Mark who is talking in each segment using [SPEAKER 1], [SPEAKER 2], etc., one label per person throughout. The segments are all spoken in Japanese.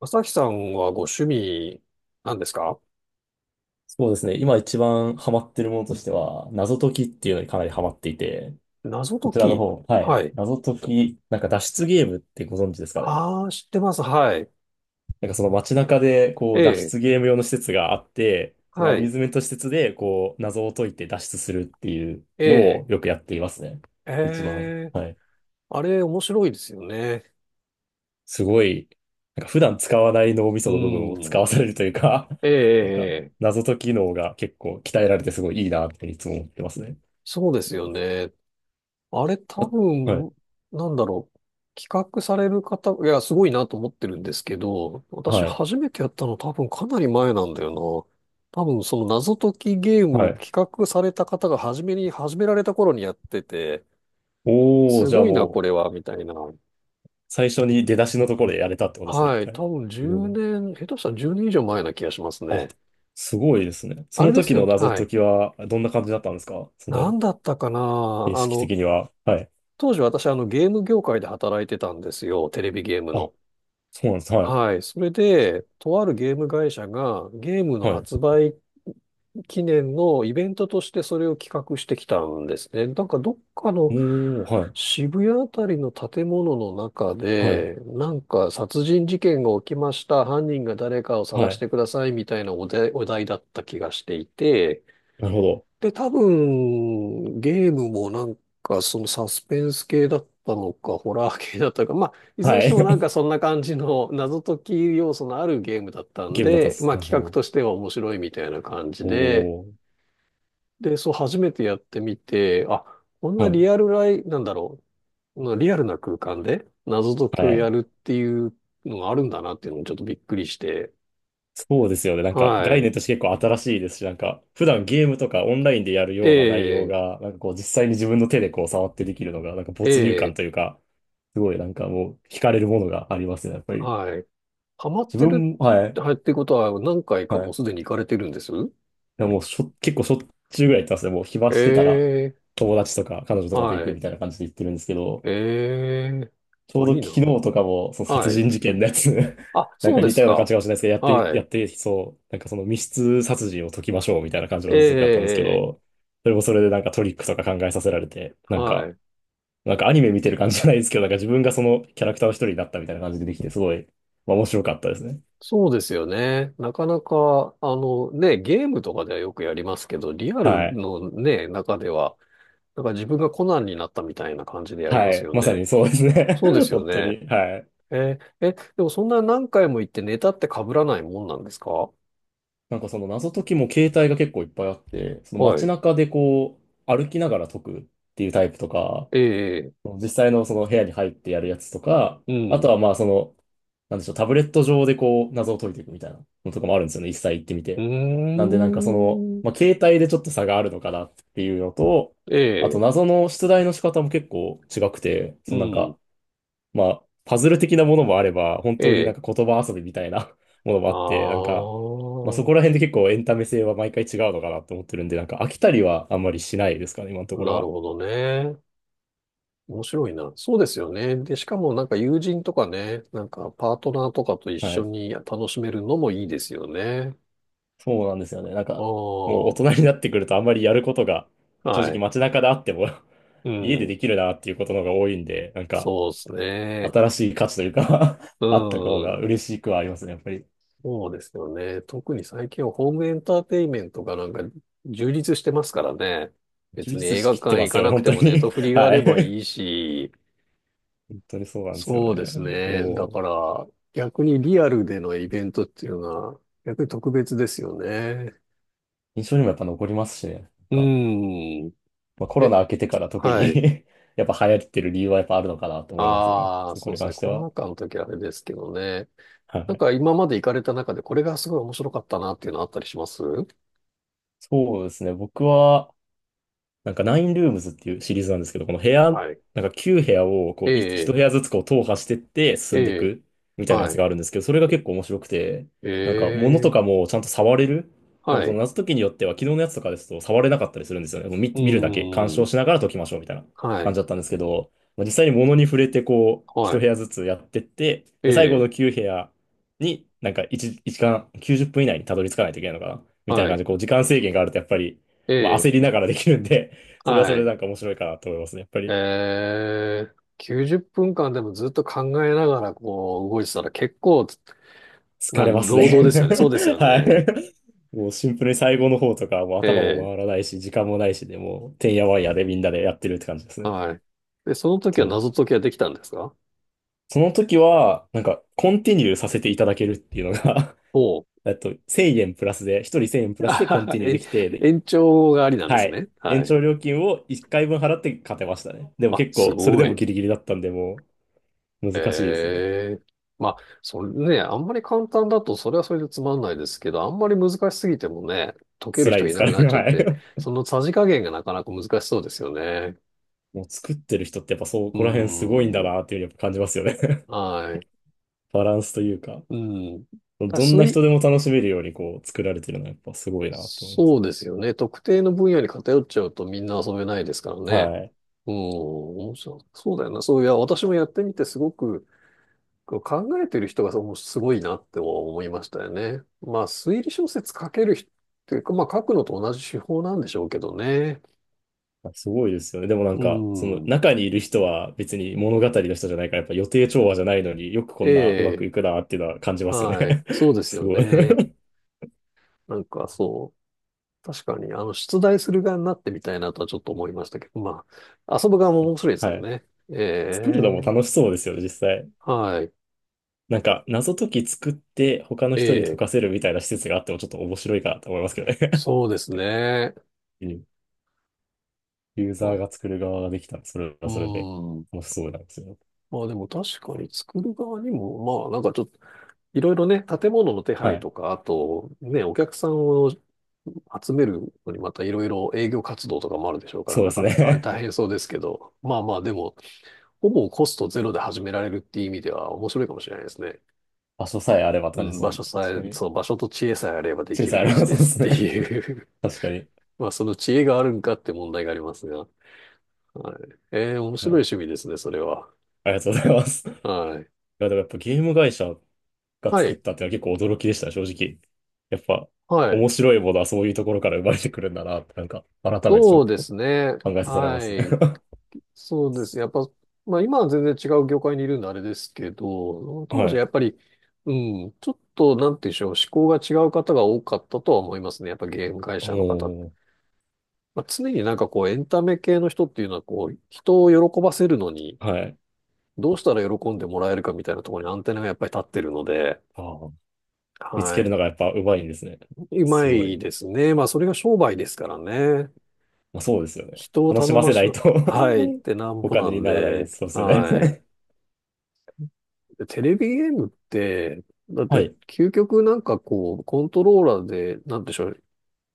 [SPEAKER 1] 朝日さんはご趣味なんですか？
[SPEAKER 2] そうですね。今一番ハマってるものとしては、謎解きっていうのにかなりハマっていて、
[SPEAKER 1] 謎
[SPEAKER 2] こ
[SPEAKER 1] 解
[SPEAKER 2] ちらの
[SPEAKER 1] き。
[SPEAKER 2] 方、は
[SPEAKER 1] は
[SPEAKER 2] い。
[SPEAKER 1] い。
[SPEAKER 2] 謎解き、なんか脱出ゲームってご存知ですかね。
[SPEAKER 1] ああ、知ってます。はい。
[SPEAKER 2] なんかその街中で、こ
[SPEAKER 1] え
[SPEAKER 2] う、脱
[SPEAKER 1] え。
[SPEAKER 2] 出ゲーム用の施設があって、そのア
[SPEAKER 1] は
[SPEAKER 2] ミュー
[SPEAKER 1] い。
[SPEAKER 2] ズメント施設で、こう、謎を解いて脱出するっていう
[SPEAKER 1] え
[SPEAKER 2] の
[SPEAKER 1] え。
[SPEAKER 2] をよくやっていますね。一番、
[SPEAKER 1] ええ。
[SPEAKER 2] はい。
[SPEAKER 1] あれ、面白いですよね。
[SPEAKER 2] すごい、なんか普段使わない脳み
[SPEAKER 1] う
[SPEAKER 2] その部分を使
[SPEAKER 1] ん。
[SPEAKER 2] わされるというか、
[SPEAKER 1] ええ。
[SPEAKER 2] なんか
[SPEAKER 1] ええ
[SPEAKER 2] 謎解き能が結構鍛えられてすごいいいなっていつも思ってますね。
[SPEAKER 1] そうですよね。あれ、多
[SPEAKER 2] あはい。
[SPEAKER 1] 分、なんだろう。企画される方、いや、すごいなと思ってるんですけど、私
[SPEAKER 2] はい
[SPEAKER 1] 初めてやったの多分かなり前なんだよな。多分その謎解きゲーム
[SPEAKER 2] は
[SPEAKER 1] を
[SPEAKER 2] い。
[SPEAKER 1] 企画された方が初めに始められた頃にやってて、
[SPEAKER 2] おー、
[SPEAKER 1] す
[SPEAKER 2] じゃあ
[SPEAKER 1] ごいな、
[SPEAKER 2] も
[SPEAKER 1] こ
[SPEAKER 2] う、
[SPEAKER 1] れは、みたいな。
[SPEAKER 2] 最初に出だしのところでやれたってことですね、一
[SPEAKER 1] はい。
[SPEAKER 2] 回。
[SPEAKER 1] 多分
[SPEAKER 2] すご
[SPEAKER 1] 10
[SPEAKER 2] い。
[SPEAKER 1] 年、下手したら10年以上前な気がします
[SPEAKER 2] あ、
[SPEAKER 1] ね。
[SPEAKER 2] すごいですね。そ
[SPEAKER 1] あれ
[SPEAKER 2] の
[SPEAKER 1] です
[SPEAKER 2] 時
[SPEAKER 1] よ
[SPEAKER 2] の
[SPEAKER 1] ね。
[SPEAKER 2] 謎
[SPEAKER 1] は
[SPEAKER 2] 解
[SPEAKER 1] い。
[SPEAKER 2] きは、どんな感じだったんですかそ
[SPEAKER 1] 何
[SPEAKER 2] の、
[SPEAKER 1] だったかな。
[SPEAKER 2] 形式的には。はい。
[SPEAKER 1] 当時私、ゲーム業界で働いてたんですよ。テレビゲーム
[SPEAKER 2] あ、
[SPEAKER 1] の。
[SPEAKER 2] そうなんです。はい。
[SPEAKER 1] はい。それで、とあるゲーム会社がゲームの
[SPEAKER 2] はい。
[SPEAKER 1] 発売記念のイベントとしてそれを企画してきたんですね。なんかどっかの
[SPEAKER 2] もう、はい。
[SPEAKER 1] 渋谷あたりの建物の中
[SPEAKER 2] はい。
[SPEAKER 1] で、なんか殺人事件が起きました。犯人が誰かを探
[SPEAKER 2] は
[SPEAKER 1] し
[SPEAKER 2] い。
[SPEAKER 1] てくださいみたいなお題だった気がしていて、
[SPEAKER 2] なるほど。
[SPEAKER 1] で、多分、ゲームもそのサスペンス系だったのか、ホラー系だったのか、まあ、いずれに
[SPEAKER 2] は
[SPEAKER 1] して
[SPEAKER 2] い。
[SPEAKER 1] もなんか そんな感じの謎解き要素のあるゲームだったん
[SPEAKER 2] ゲームだったん
[SPEAKER 1] で、
[SPEAKER 2] です。
[SPEAKER 1] まあ
[SPEAKER 2] なるほ
[SPEAKER 1] 企画
[SPEAKER 2] ど。
[SPEAKER 1] としては面白いみたいな感じで、
[SPEAKER 2] おー。
[SPEAKER 1] で、そう初めてやってみて、あ、こんな
[SPEAKER 2] はい。
[SPEAKER 1] リアルライ、なんだろう、なリアルな空間で謎解き
[SPEAKER 2] は
[SPEAKER 1] をや
[SPEAKER 2] い。
[SPEAKER 1] るっていうのがあるんだなっていうのにちょっとびっくりして、
[SPEAKER 2] そうですよね。なんか、
[SPEAKER 1] は
[SPEAKER 2] 概
[SPEAKER 1] い。
[SPEAKER 2] 念として結構新しいですし、なんか、普段ゲームとかオンラインでやるような内容
[SPEAKER 1] ええ
[SPEAKER 2] が、なんかこう、実際に自分の手でこう、触ってできるのが、なんか没入
[SPEAKER 1] え
[SPEAKER 2] 感
[SPEAKER 1] え
[SPEAKER 2] というか、すごいなんかもう惹かれるものがありますね、やっぱり。
[SPEAKER 1] はい。ハマっ
[SPEAKER 2] 自
[SPEAKER 1] てる
[SPEAKER 2] 分も、は
[SPEAKER 1] って、
[SPEAKER 2] い、
[SPEAKER 1] はい、ってことは何回か
[SPEAKER 2] はい。
[SPEAKER 1] も
[SPEAKER 2] い
[SPEAKER 1] うすでに行かれてるんです
[SPEAKER 2] やもうしょ、結構しょっちゅうぐらい行ってますね。もう暇してたら
[SPEAKER 1] ええ
[SPEAKER 2] 友達とか彼女とかと
[SPEAKER 1] は
[SPEAKER 2] 行くみ
[SPEAKER 1] い。
[SPEAKER 2] たいな感じで行ってるんですけど、
[SPEAKER 1] ええ
[SPEAKER 2] ちょう
[SPEAKER 1] あ、
[SPEAKER 2] ど
[SPEAKER 1] いい
[SPEAKER 2] 昨日
[SPEAKER 1] な。
[SPEAKER 2] とかもその殺
[SPEAKER 1] はい。
[SPEAKER 2] 人事件のやつ
[SPEAKER 1] あ、
[SPEAKER 2] なん
[SPEAKER 1] そう
[SPEAKER 2] か
[SPEAKER 1] で
[SPEAKER 2] 似
[SPEAKER 1] す
[SPEAKER 2] たような感じ
[SPEAKER 1] か。
[SPEAKER 2] かもしれないですけど、
[SPEAKER 1] は
[SPEAKER 2] やっ
[SPEAKER 1] い。
[SPEAKER 2] てそう、なんかその密室殺人を解きましょうみたいな感じの謎解きだったんですけ
[SPEAKER 1] ええ
[SPEAKER 2] ど、それもそれでなんかトリックとか考えさせられて、なん
[SPEAKER 1] は
[SPEAKER 2] か、
[SPEAKER 1] い。
[SPEAKER 2] なんかアニメ見てる感じじゃないですけど、なんか自分がそのキャラクターの一人になったみたいな感じでできて、すごい、まあ面白かったですね。
[SPEAKER 1] そうですよね。なかなか、あのね、ゲームとかではよくやりますけど、リアル
[SPEAKER 2] はい。
[SPEAKER 1] のね、中では、なんか自分がコナンになったみたいな感じでやりま
[SPEAKER 2] は
[SPEAKER 1] す
[SPEAKER 2] い。
[SPEAKER 1] よ
[SPEAKER 2] まさ
[SPEAKER 1] ね。
[SPEAKER 2] にそうですね。
[SPEAKER 1] そうで すよ
[SPEAKER 2] 本当
[SPEAKER 1] ね。
[SPEAKER 2] に。はい。
[SPEAKER 1] えええ、でもそんな何回も行ってネタって被らないもんなんですか？
[SPEAKER 2] なんかその謎解きも携帯が結構いっぱいあって、その
[SPEAKER 1] は
[SPEAKER 2] 街
[SPEAKER 1] い。
[SPEAKER 2] 中でこう歩きながら解くっていうタイプとか、
[SPEAKER 1] ええ
[SPEAKER 2] 実際のその部屋に入ってやるやつとか、
[SPEAKER 1] う
[SPEAKER 2] あと
[SPEAKER 1] ん。
[SPEAKER 2] はまあその、なんでしょう、タブレット上でこう謎を解いていくみたいなのとかもあるんですよね。一切行ってみ
[SPEAKER 1] う
[SPEAKER 2] て。
[SPEAKER 1] ー
[SPEAKER 2] なんでなんかその、
[SPEAKER 1] ん。
[SPEAKER 2] まあ携帯でちょっと差があるのかなっていうのと、
[SPEAKER 1] え
[SPEAKER 2] あと
[SPEAKER 1] え。
[SPEAKER 2] 謎の出題の仕方も結構違くて、
[SPEAKER 1] う
[SPEAKER 2] そのなん
[SPEAKER 1] ん。
[SPEAKER 2] か、まあ、パズル的なものもあれば、本
[SPEAKER 1] え
[SPEAKER 2] 当になん
[SPEAKER 1] え。
[SPEAKER 2] か言葉遊びみたいな ものもあ
[SPEAKER 1] あ
[SPEAKER 2] って、なんか、まあそこら
[SPEAKER 1] あ、
[SPEAKER 2] 辺で結構エンタメ性は毎回違うのかなと思ってるんで、なんか飽きたりはあんまりしないですかね、今のところ
[SPEAKER 1] なる
[SPEAKER 2] は。
[SPEAKER 1] ほどね。面白いな。そうですよね。で、しかもなんか友人とかね、なんかパートナーとかと一
[SPEAKER 2] は
[SPEAKER 1] 緒
[SPEAKER 2] い。
[SPEAKER 1] に楽しめるのもいいですよね。
[SPEAKER 2] そうなんですよね。なん
[SPEAKER 1] あ
[SPEAKER 2] か、もう大
[SPEAKER 1] あ、
[SPEAKER 2] 人になってくるとあんまりやることが、正
[SPEAKER 1] は
[SPEAKER 2] 直
[SPEAKER 1] い。
[SPEAKER 2] 街中であっても
[SPEAKER 1] う
[SPEAKER 2] 家で
[SPEAKER 1] ん。
[SPEAKER 2] できるなっていうことの方が多いんで、なんか、
[SPEAKER 1] そうですね。
[SPEAKER 2] 新しい価値というか
[SPEAKER 1] う
[SPEAKER 2] あった方が
[SPEAKER 1] ん。
[SPEAKER 2] 嬉しくはありますね、やっぱり。
[SPEAKER 1] そうですよね。特に最近はホームエンターテインメントがなんか充実してますからね。
[SPEAKER 2] 充
[SPEAKER 1] 別に
[SPEAKER 2] 実
[SPEAKER 1] 映
[SPEAKER 2] し
[SPEAKER 1] 画
[SPEAKER 2] きって
[SPEAKER 1] 館
[SPEAKER 2] ま
[SPEAKER 1] 行
[SPEAKER 2] す
[SPEAKER 1] か
[SPEAKER 2] よね、
[SPEAKER 1] なく
[SPEAKER 2] 本
[SPEAKER 1] て
[SPEAKER 2] 当
[SPEAKER 1] もネット
[SPEAKER 2] に。
[SPEAKER 1] フリ があ
[SPEAKER 2] は
[SPEAKER 1] れば
[SPEAKER 2] い。
[SPEAKER 1] いい し、
[SPEAKER 2] 本当にそうなんですよ
[SPEAKER 1] そうです
[SPEAKER 2] ね。
[SPEAKER 1] ね。だ
[SPEAKER 2] おー、
[SPEAKER 1] から逆にリアルでのイベントっていうのは逆に特別ですよね。
[SPEAKER 2] 印象にもやっぱ残りますしね。なん
[SPEAKER 1] う
[SPEAKER 2] か、
[SPEAKER 1] ん。
[SPEAKER 2] まあ、コロ
[SPEAKER 1] え、
[SPEAKER 2] ナ明けてから特
[SPEAKER 1] はい。
[SPEAKER 2] に やっぱ流行ってる理由はやっぱあるのかなと思いますよね。
[SPEAKER 1] ああ、
[SPEAKER 2] そこ
[SPEAKER 1] そう
[SPEAKER 2] に
[SPEAKER 1] ですね。
[SPEAKER 2] 関して
[SPEAKER 1] コロ
[SPEAKER 2] は。
[SPEAKER 1] ナ禍の時はあれですけどね。
[SPEAKER 2] は
[SPEAKER 1] なん
[SPEAKER 2] い。
[SPEAKER 1] か今まで行かれた中でこれがすごい面白かったなっていうのあったりします
[SPEAKER 2] そうですね。僕は、なんかナインルームズっていうシリーズなんですけど、この部屋、
[SPEAKER 1] はい。
[SPEAKER 2] なんか9部屋をこう
[SPEAKER 1] え
[SPEAKER 2] い1
[SPEAKER 1] え、
[SPEAKER 2] 部屋ずつこう踏破してって進
[SPEAKER 1] え
[SPEAKER 2] んでい
[SPEAKER 1] え、
[SPEAKER 2] くみたいなや
[SPEAKER 1] は
[SPEAKER 2] つ
[SPEAKER 1] い。
[SPEAKER 2] があるんですけど、それが結構面白くて、
[SPEAKER 1] え
[SPEAKER 2] なんか物と
[SPEAKER 1] え、
[SPEAKER 2] かもちゃんと触れる。なんか
[SPEAKER 1] は
[SPEAKER 2] その
[SPEAKER 1] い。
[SPEAKER 2] 謎解きによっては昨日のやつとかですと触れなかったりするんですよね。もう
[SPEAKER 1] う
[SPEAKER 2] 見るだけ、鑑
[SPEAKER 1] ー
[SPEAKER 2] 賞
[SPEAKER 1] ん、
[SPEAKER 2] しながら解きましょうみたいな
[SPEAKER 1] は
[SPEAKER 2] 感
[SPEAKER 1] い、
[SPEAKER 2] じだったんですけど、まあ、実際に物に触れてこう
[SPEAKER 1] は
[SPEAKER 2] 1部
[SPEAKER 1] い、
[SPEAKER 2] 屋ずつやってって、
[SPEAKER 1] え
[SPEAKER 2] で、最後
[SPEAKER 1] え、
[SPEAKER 2] の9部屋になんか1、一時間90分以内にたどり着かないといけないのかなみたいな
[SPEAKER 1] は
[SPEAKER 2] 感
[SPEAKER 1] い、
[SPEAKER 2] じでこう時間制限があるとやっぱり、
[SPEAKER 1] え
[SPEAKER 2] まあ、
[SPEAKER 1] え、
[SPEAKER 2] 焦りながらできるんで、それはそ
[SPEAKER 1] は
[SPEAKER 2] れで
[SPEAKER 1] い、
[SPEAKER 2] なんか面白いかなと思いますね。やっぱり
[SPEAKER 1] ええ、90分間でもずっと考えながらこう動いてたら結構
[SPEAKER 2] 疲
[SPEAKER 1] な
[SPEAKER 2] れます
[SPEAKER 1] 労
[SPEAKER 2] ね。
[SPEAKER 1] 働ですよね。そうですよ
[SPEAKER 2] は
[SPEAKER 1] ね。
[SPEAKER 2] い。もうシンプルに最後の方とか、もう
[SPEAKER 1] え
[SPEAKER 2] 頭も
[SPEAKER 1] え、
[SPEAKER 2] 回らないし、時間もないしで、もう、てんやわんやでみんなでやってるって感じですね。本
[SPEAKER 1] はい。で、その時は
[SPEAKER 2] 当に。
[SPEAKER 1] 謎解きはできたんですか？
[SPEAKER 2] その時は、なんか、コンティニューさせていただけるっていうのが、
[SPEAKER 1] おう。
[SPEAKER 2] えっと、1000円プラスで、一人1000円 プラ
[SPEAKER 1] あ
[SPEAKER 2] スで
[SPEAKER 1] は
[SPEAKER 2] コン
[SPEAKER 1] は
[SPEAKER 2] ティニューで
[SPEAKER 1] 延
[SPEAKER 2] きて、で
[SPEAKER 1] 延長がありなんで
[SPEAKER 2] は
[SPEAKER 1] す
[SPEAKER 2] い。
[SPEAKER 1] ね。は
[SPEAKER 2] 延
[SPEAKER 1] い。
[SPEAKER 2] 長料金を1回分払って勝てましたね。でも
[SPEAKER 1] あ、
[SPEAKER 2] 結
[SPEAKER 1] す
[SPEAKER 2] 構、それで
[SPEAKER 1] ご
[SPEAKER 2] も
[SPEAKER 1] い。
[SPEAKER 2] ギリギリだったんで、もう、難しいですね。
[SPEAKER 1] ええまあ、それね、あんまり簡単だと、それはそれでつまんないですけど、あんまり難しすぎてもね、解ける
[SPEAKER 2] 辛い
[SPEAKER 1] 人が
[SPEAKER 2] で
[SPEAKER 1] い
[SPEAKER 2] す
[SPEAKER 1] な
[SPEAKER 2] か
[SPEAKER 1] く
[SPEAKER 2] ら
[SPEAKER 1] な
[SPEAKER 2] ね。
[SPEAKER 1] っちゃっ
[SPEAKER 2] は
[SPEAKER 1] て、
[SPEAKER 2] い。
[SPEAKER 1] そのさじ加減がなかなか難しそうですよね。
[SPEAKER 2] もう作ってる人ってやっぱそ
[SPEAKER 1] うー
[SPEAKER 2] こら辺すごいんだ
[SPEAKER 1] ん。
[SPEAKER 2] なっていうふうにやっぱ感じますよね。
[SPEAKER 1] はい。
[SPEAKER 2] バランスというか、
[SPEAKER 1] うん。だ
[SPEAKER 2] どん
[SPEAKER 1] す
[SPEAKER 2] な人
[SPEAKER 1] い、
[SPEAKER 2] でも楽しめるようにこう作られてるのはやっぱすごいなと思います。
[SPEAKER 1] そうですよね。特定の分野に偏っちゃうとみんな遊べないですからね。
[SPEAKER 2] はい。
[SPEAKER 1] うん。面白いそうだよな。そういや、私もやってみてすごく、こう考えてる人がそのすごいなって思いましたよね。まあ、推理小説書ける人っていうか、まあ、書くのと同じ手法なんでしょうけどね。
[SPEAKER 2] すごいですよね。でもなん
[SPEAKER 1] う
[SPEAKER 2] か、その
[SPEAKER 1] ん。
[SPEAKER 2] 中にいる人は別に物語の人じゃないから、やっぱ予定調和じゃないのによくこ
[SPEAKER 1] え
[SPEAKER 2] んなうまく
[SPEAKER 1] え、
[SPEAKER 2] いくなっていうのは感じますよ
[SPEAKER 1] はい。
[SPEAKER 2] ね。
[SPEAKER 1] そう です
[SPEAKER 2] す
[SPEAKER 1] よ
[SPEAKER 2] ごい。
[SPEAKER 1] ね。なんか、そう。確かに、出題する側になってみたいなとはちょっと思いましたけど、まあ、遊ぶ側も面白いですけ
[SPEAKER 2] は
[SPEAKER 1] ど
[SPEAKER 2] い。
[SPEAKER 1] ね。
[SPEAKER 2] 作る
[SPEAKER 1] え
[SPEAKER 2] のも
[SPEAKER 1] え、
[SPEAKER 2] 楽しそうですよね、実際。
[SPEAKER 1] はい。
[SPEAKER 2] なんか、謎解き作って他の
[SPEAKER 1] え
[SPEAKER 2] 人に解
[SPEAKER 1] え、
[SPEAKER 2] かせるみたいな施設があってもちょっと面白いかなと思いますけどね。
[SPEAKER 1] そうですね。
[SPEAKER 2] うん、ユーザー
[SPEAKER 1] う
[SPEAKER 2] が作る側ができたら、それはそれで
[SPEAKER 1] ん。
[SPEAKER 2] 楽しそうなんですよ。
[SPEAKER 1] まあでも確かに作る側にも、まあなんかちょっと、いろいろね、建物の手
[SPEAKER 2] は
[SPEAKER 1] 配
[SPEAKER 2] い。
[SPEAKER 1] とか、あとね、お客さんを集めるのにまたいろいろ営業活動とかもあるでしょうから、
[SPEAKER 2] そうで
[SPEAKER 1] な
[SPEAKER 2] す
[SPEAKER 1] かなか
[SPEAKER 2] ね。
[SPEAKER 1] 大 変そうですけど、まあまあでも、ほぼコストゼロで始められるっていう意味では面白いかもしれないですね。
[SPEAKER 2] 場所さえあればって
[SPEAKER 1] う
[SPEAKER 2] 感じで
[SPEAKER 1] ん、
[SPEAKER 2] すも
[SPEAKER 1] 場
[SPEAKER 2] ん
[SPEAKER 1] 所
[SPEAKER 2] ね。
[SPEAKER 1] さ
[SPEAKER 2] 確か
[SPEAKER 1] え、
[SPEAKER 2] に。
[SPEAKER 1] そう、場所と知恵さえあればで
[SPEAKER 2] 小
[SPEAKER 1] きる
[SPEAKER 2] さいあ
[SPEAKER 1] ビ
[SPEAKER 2] れ
[SPEAKER 1] ジ
[SPEAKER 2] ばそ
[SPEAKER 1] ネ
[SPEAKER 2] うで
[SPEAKER 1] スっ
[SPEAKER 2] す
[SPEAKER 1] て
[SPEAKER 2] ね。
[SPEAKER 1] いう。
[SPEAKER 2] 確かに。
[SPEAKER 1] まあその知恵があるんかって問題がありますが。はい。面
[SPEAKER 2] は
[SPEAKER 1] 白い
[SPEAKER 2] い、
[SPEAKER 1] 趣味ですね、それは。
[SPEAKER 2] ありがとうございます。い
[SPEAKER 1] はい。
[SPEAKER 2] や、でもやっぱゲーム会社が
[SPEAKER 1] は
[SPEAKER 2] 作っ
[SPEAKER 1] い。
[SPEAKER 2] たっていうのは結構驚きでしたね、正直。やっぱ、
[SPEAKER 1] はい。
[SPEAKER 2] 面白いものはそういうところから生まれてくるんだなって、なんか、改めてちょ
[SPEAKER 1] そ
[SPEAKER 2] っ
[SPEAKER 1] う
[SPEAKER 2] と
[SPEAKER 1] ですね。
[SPEAKER 2] 考えさせられま
[SPEAKER 1] は
[SPEAKER 2] すね。
[SPEAKER 1] い。そうですね。やっぱ、まあ今は全然違う業界にいるんであれですけど、当
[SPEAKER 2] は
[SPEAKER 1] 時は
[SPEAKER 2] い。
[SPEAKER 1] やっぱり、うん、ちょっと、なんて言うんでしょう、思考が違う方が多かったとは思いますね。やっぱゲーム会社の方って。
[SPEAKER 2] おー。
[SPEAKER 1] まあ、常になんかこう、エンタメ系の人っていうのはこう、人を喜ばせるのに、
[SPEAKER 2] はい。
[SPEAKER 1] どうしたら喜んでもらえるかみたいなところにアンテナがやっぱり立ってるので、
[SPEAKER 2] ああ。見つ
[SPEAKER 1] は
[SPEAKER 2] ける
[SPEAKER 1] い。
[SPEAKER 2] のがやっぱ上手いんですね。
[SPEAKER 1] う
[SPEAKER 2] す
[SPEAKER 1] ま
[SPEAKER 2] ごい。
[SPEAKER 1] いですね。まあそれが商売ですからね。
[SPEAKER 2] まあ、そうですよね。
[SPEAKER 1] 人を
[SPEAKER 2] 楽し
[SPEAKER 1] 頼
[SPEAKER 2] ま
[SPEAKER 1] ま
[SPEAKER 2] せな
[SPEAKER 1] し
[SPEAKER 2] い
[SPEAKER 1] ょ
[SPEAKER 2] と、
[SPEAKER 1] はい、ってなん
[SPEAKER 2] お
[SPEAKER 1] ぼな
[SPEAKER 2] 金に
[SPEAKER 1] ん
[SPEAKER 2] ならない、
[SPEAKER 1] で、
[SPEAKER 2] そうですよね。
[SPEAKER 1] はい。でテレビゲームって、だっ
[SPEAKER 2] は
[SPEAKER 1] て、
[SPEAKER 2] い。
[SPEAKER 1] 究極なんかこう、コントローラーで、なんでしょう、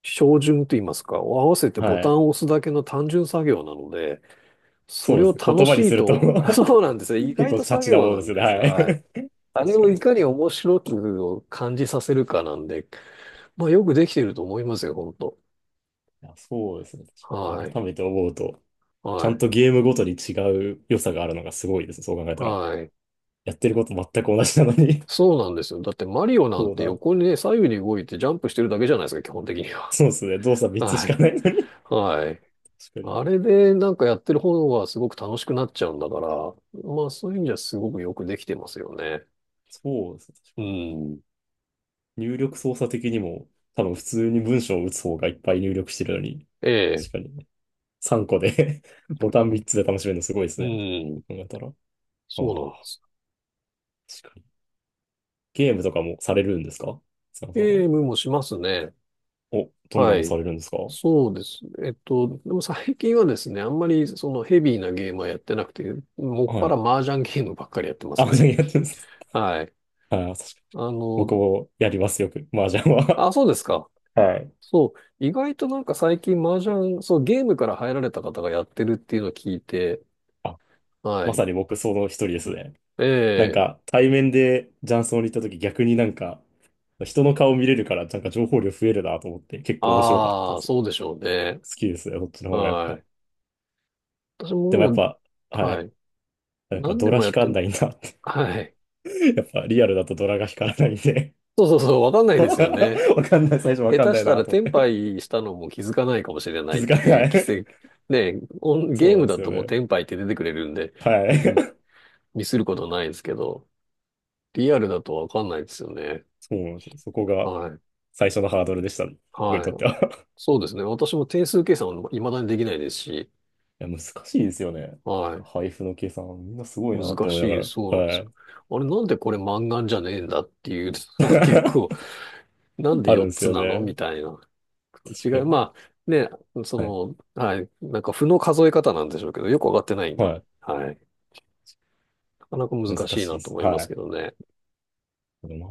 [SPEAKER 1] 照準と言いますか、を合わせてボ
[SPEAKER 2] は
[SPEAKER 1] タン
[SPEAKER 2] い。
[SPEAKER 1] を押すだけの単純作業なので、そ
[SPEAKER 2] そう
[SPEAKER 1] れ
[SPEAKER 2] で
[SPEAKER 1] を
[SPEAKER 2] すね。
[SPEAKER 1] 楽
[SPEAKER 2] 言葉
[SPEAKER 1] し
[SPEAKER 2] に
[SPEAKER 1] い
[SPEAKER 2] すると
[SPEAKER 1] と、そうなんですよ。意
[SPEAKER 2] 結
[SPEAKER 1] 外
[SPEAKER 2] 構
[SPEAKER 1] と
[SPEAKER 2] シャ
[SPEAKER 1] 作
[SPEAKER 2] チな
[SPEAKER 1] 業
[SPEAKER 2] もの
[SPEAKER 1] な
[SPEAKER 2] です
[SPEAKER 1] ん
[SPEAKER 2] よね。
[SPEAKER 1] ですよ。
[SPEAKER 2] はい。
[SPEAKER 1] はい。あ れ
[SPEAKER 2] 確か
[SPEAKER 1] を
[SPEAKER 2] に。
[SPEAKER 1] い
[SPEAKER 2] い
[SPEAKER 1] かに面白くを感じさせるかなんで、まあよくできてると思いますよ、本当。
[SPEAKER 2] や、そうですね。
[SPEAKER 1] はい。
[SPEAKER 2] 改めて思うと、ち
[SPEAKER 1] は
[SPEAKER 2] ゃん
[SPEAKER 1] い。
[SPEAKER 2] とゲームごとに違う良さがあるのがすごいですね。そう考えたら。
[SPEAKER 1] はい。
[SPEAKER 2] やってること全く同じなのに。
[SPEAKER 1] そうなんですよ。だってマリオ なん
[SPEAKER 2] そう
[SPEAKER 1] て
[SPEAKER 2] だ。
[SPEAKER 1] 横にね、左右に動いてジャンプしてるだけじゃないですか、基本的には。
[SPEAKER 2] そうですね。動作 3つし
[SPEAKER 1] は
[SPEAKER 2] か
[SPEAKER 1] い。
[SPEAKER 2] ないのに
[SPEAKER 1] はい。
[SPEAKER 2] 確かに。
[SPEAKER 1] あれでなんかやってる方がすごく楽しくなっちゃうんだから、まあそういう意味ではすごくよくできてますよね。
[SPEAKER 2] そうですね。確
[SPEAKER 1] う
[SPEAKER 2] かに。
[SPEAKER 1] ん。
[SPEAKER 2] 入力操作的にも、多分普通に文章を打つ方がいっぱい入力してるのに、
[SPEAKER 1] ええ。
[SPEAKER 2] 確かに。3個で ボタン3つで楽しめるのすごいです
[SPEAKER 1] う
[SPEAKER 2] ね。そ
[SPEAKER 1] ん。
[SPEAKER 2] う考えたら。あ
[SPEAKER 1] そうなんで
[SPEAKER 2] あ、
[SPEAKER 1] す。
[SPEAKER 2] 確かに。ゲームとかもされるんですか、津山さんは。
[SPEAKER 1] ゲームもしますね。
[SPEAKER 2] お、どんな
[SPEAKER 1] は
[SPEAKER 2] の
[SPEAKER 1] い。
[SPEAKER 2] されるんですか。
[SPEAKER 1] そうですね。でも最近はですね、あんまりそのヘビーなゲームはやってなくて、もっぱ
[SPEAKER 2] は
[SPEAKER 1] ら
[SPEAKER 2] い。
[SPEAKER 1] 麻雀ゲームばっかりやってます
[SPEAKER 2] あ、
[SPEAKER 1] ね。
[SPEAKER 2] じゃあやってます。
[SPEAKER 1] はい。
[SPEAKER 2] ああ、確かに。
[SPEAKER 1] あの、
[SPEAKER 2] 僕もやります、よく。麻雀は。
[SPEAKER 1] あ、そうですか。
[SPEAKER 2] はい。
[SPEAKER 1] そう、意外となんか最近麻雀、そう、ゲームから入られた方がやってるっていうのを聞いて、
[SPEAKER 2] あ、
[SPEAKER 1] は
[SPEAKER 2] まさ
[SPEAKER 1] い。
[SPEAKER 2] に僕、その一人ですね。
[SPEAKER 1] え
[SPEAKER 2] なん
[SPEAKER 1] え、
[SPEAKER 2] か、対面で雀荘に行った時、逆になんか、人の顔見れるから、なんか情報量増えるなと思って、結構面白かった
[SPEAKER 1] あ
[SPEAKER 2] で
[SPEAKER 1] あ、
[SPEAKER 2] す。
[SPEAKER 1] そうでしょうね。
[SPEAKER 2] 好きですね、そっちの方がやっ
[SPEAKER 1] は
[SPEAKER 2] ぱ。
[SPEAKER 1] い。私
[SPEAKER 2] でもや
[SPEAKER 1] も
[SPEAKER 2] っ
[SPEAKER 1] も
[SPEAKER 2] ぱ、
[SPEAKER 1] う、
[SPEAKER 2] は
[SPEAKER 1] は
[SPEAKER 2] い。
[SPEAKER 1] い。
[SPEAKER 2] なんか、
[SPEAKER 1] 何
[SPEAKER 2] ド
[SPEAKER 1] で
[SPEAKER 2] ラ
[SPEAKER 1] もや
[SPEAKER 2] 引
[SPEAKER 1] っ
[SPEAKER 2] か
[SPEAKER 1] て、
[SPEAKER 2] んないなって。
[SPEAKER 1] はい。
[SPEAKER 2] やっぱリアルだとドラが光らないんで。
[SPEAKER 1] そうそうそう、わかんないですよね。
[SPEAKER 2] わかんない、最初わ
[SPEAKER 1] 下
[SPEAKER 2] かん
[SPEAKER 1] 手
[SPEAKER 2] な
[SPEAKER 1] し
[SPEAKER 2] い
[SPEAKER 1] たら
[SPEAKER 2] なと思
[SPEAKER 1] 転
[SPEAKER 2] って。
[SPEAKER 1] 敗したのも気づかないかもしれな
[SPEAKER 2] 気
[SPEAKER 1] いっ
[SPEAKER 2] づか
[SPEAKER 1] てい
[SPEAKER 2] な
[SPEAKER 1] う奇
[SPEAKER 2] い。
[SPEAKER 1] 跡。ね、オ ン
[SPEAKER 2] そ
[SPEAKER 1] ゲ
[SPEAKER 2] う
[SPEAKER 1] ー
[SPEAKER 2] なん
[SPEAKER 1] ム
[SPEAKER 2] で
[SPEAKER 1] だ
[SPEAKER 2] すよ
[SPEAKER 1] ともう
[SPEAKER 2] ね。
[SPEAKER 1] 転敗って出てくれるんで、
[SPEAKER 2] は
[SPEAKER 1] うん
[SPEAKER 2] い。
[SPEAKER 1] ミスることないですけど、リアルだとわかんないですよね。
[SPEAKER 2] そうなんですよ。そこが
[SPEAKER 1] はい。
[SPEAKER 2] 最初のハードルでした、ね。僕に
[SPEAKER 1] は
[SPEAKER 2] とって
[SPEAKER 1] い。
[SPEAKER 2] は。
[SPEAKER 1] そうですね。私も定数計算は未だにできないですし、
[SPEAKER 2] いや、難しいですよね。なん
[SPEAKER 1] は
[SPEAKER 2] か
[SPEAKER 1] い。
[SPEAKER 2] 配布の計算、みんなすごいなって
[SPEAKER 1] 難
[SPEAKER 2] 思いなが
[SPEAKER 1] しい、
[SPEAKER 2] ら。
[SPEAKER 1] そうなんです
[SPEAKER 2] は
[SPEAKER 1] よ。
[SPEAKER 2] い。
[SPEAKER 1] あれ、なんでこれ満願じゃねえんだっていうのが 結構、なんで
[SPEAKER 2] あるん
[SPEAKER 1] 4
[SPEAKER 2] です
[SPEAKER 1] つ
[SPEAKER 2] よ
[SPEAKER 1] なのみ
[SPEAKER 2] ね。
[SPEAKER 1] たいな違
[SPEAKER 2] 確
[SPEAKER 1] い。
[SPEAKER 2] かに。
[SPEAKER 1] まあ、ね、そ
[SPEAKER 2] はい。
[SPEAKER 1] の、はい。なんか、負の数え方なんでしょうけど、よくわかってない。
[SPEAKER 2] は
[SPEAKER 1] はい。なかなか
[SPEAKER 2] い。
[SPEAKER 1] 難
[SPEAKER 2] 難
[SPEAKER 1] しい
[SPEAKER 2] しい
[SPEAKER 1] な
[SPEAKER 2] で
[SPEAKER 1] と
[SPEAKER 2] す。
[SPEAKER 1] 思いま
[SPEAKER 2] は
[SPEAKER 1] す
[SPEAKER 2] い。
[SPEAKER 1] けどね。
[SPEAKER 2] でも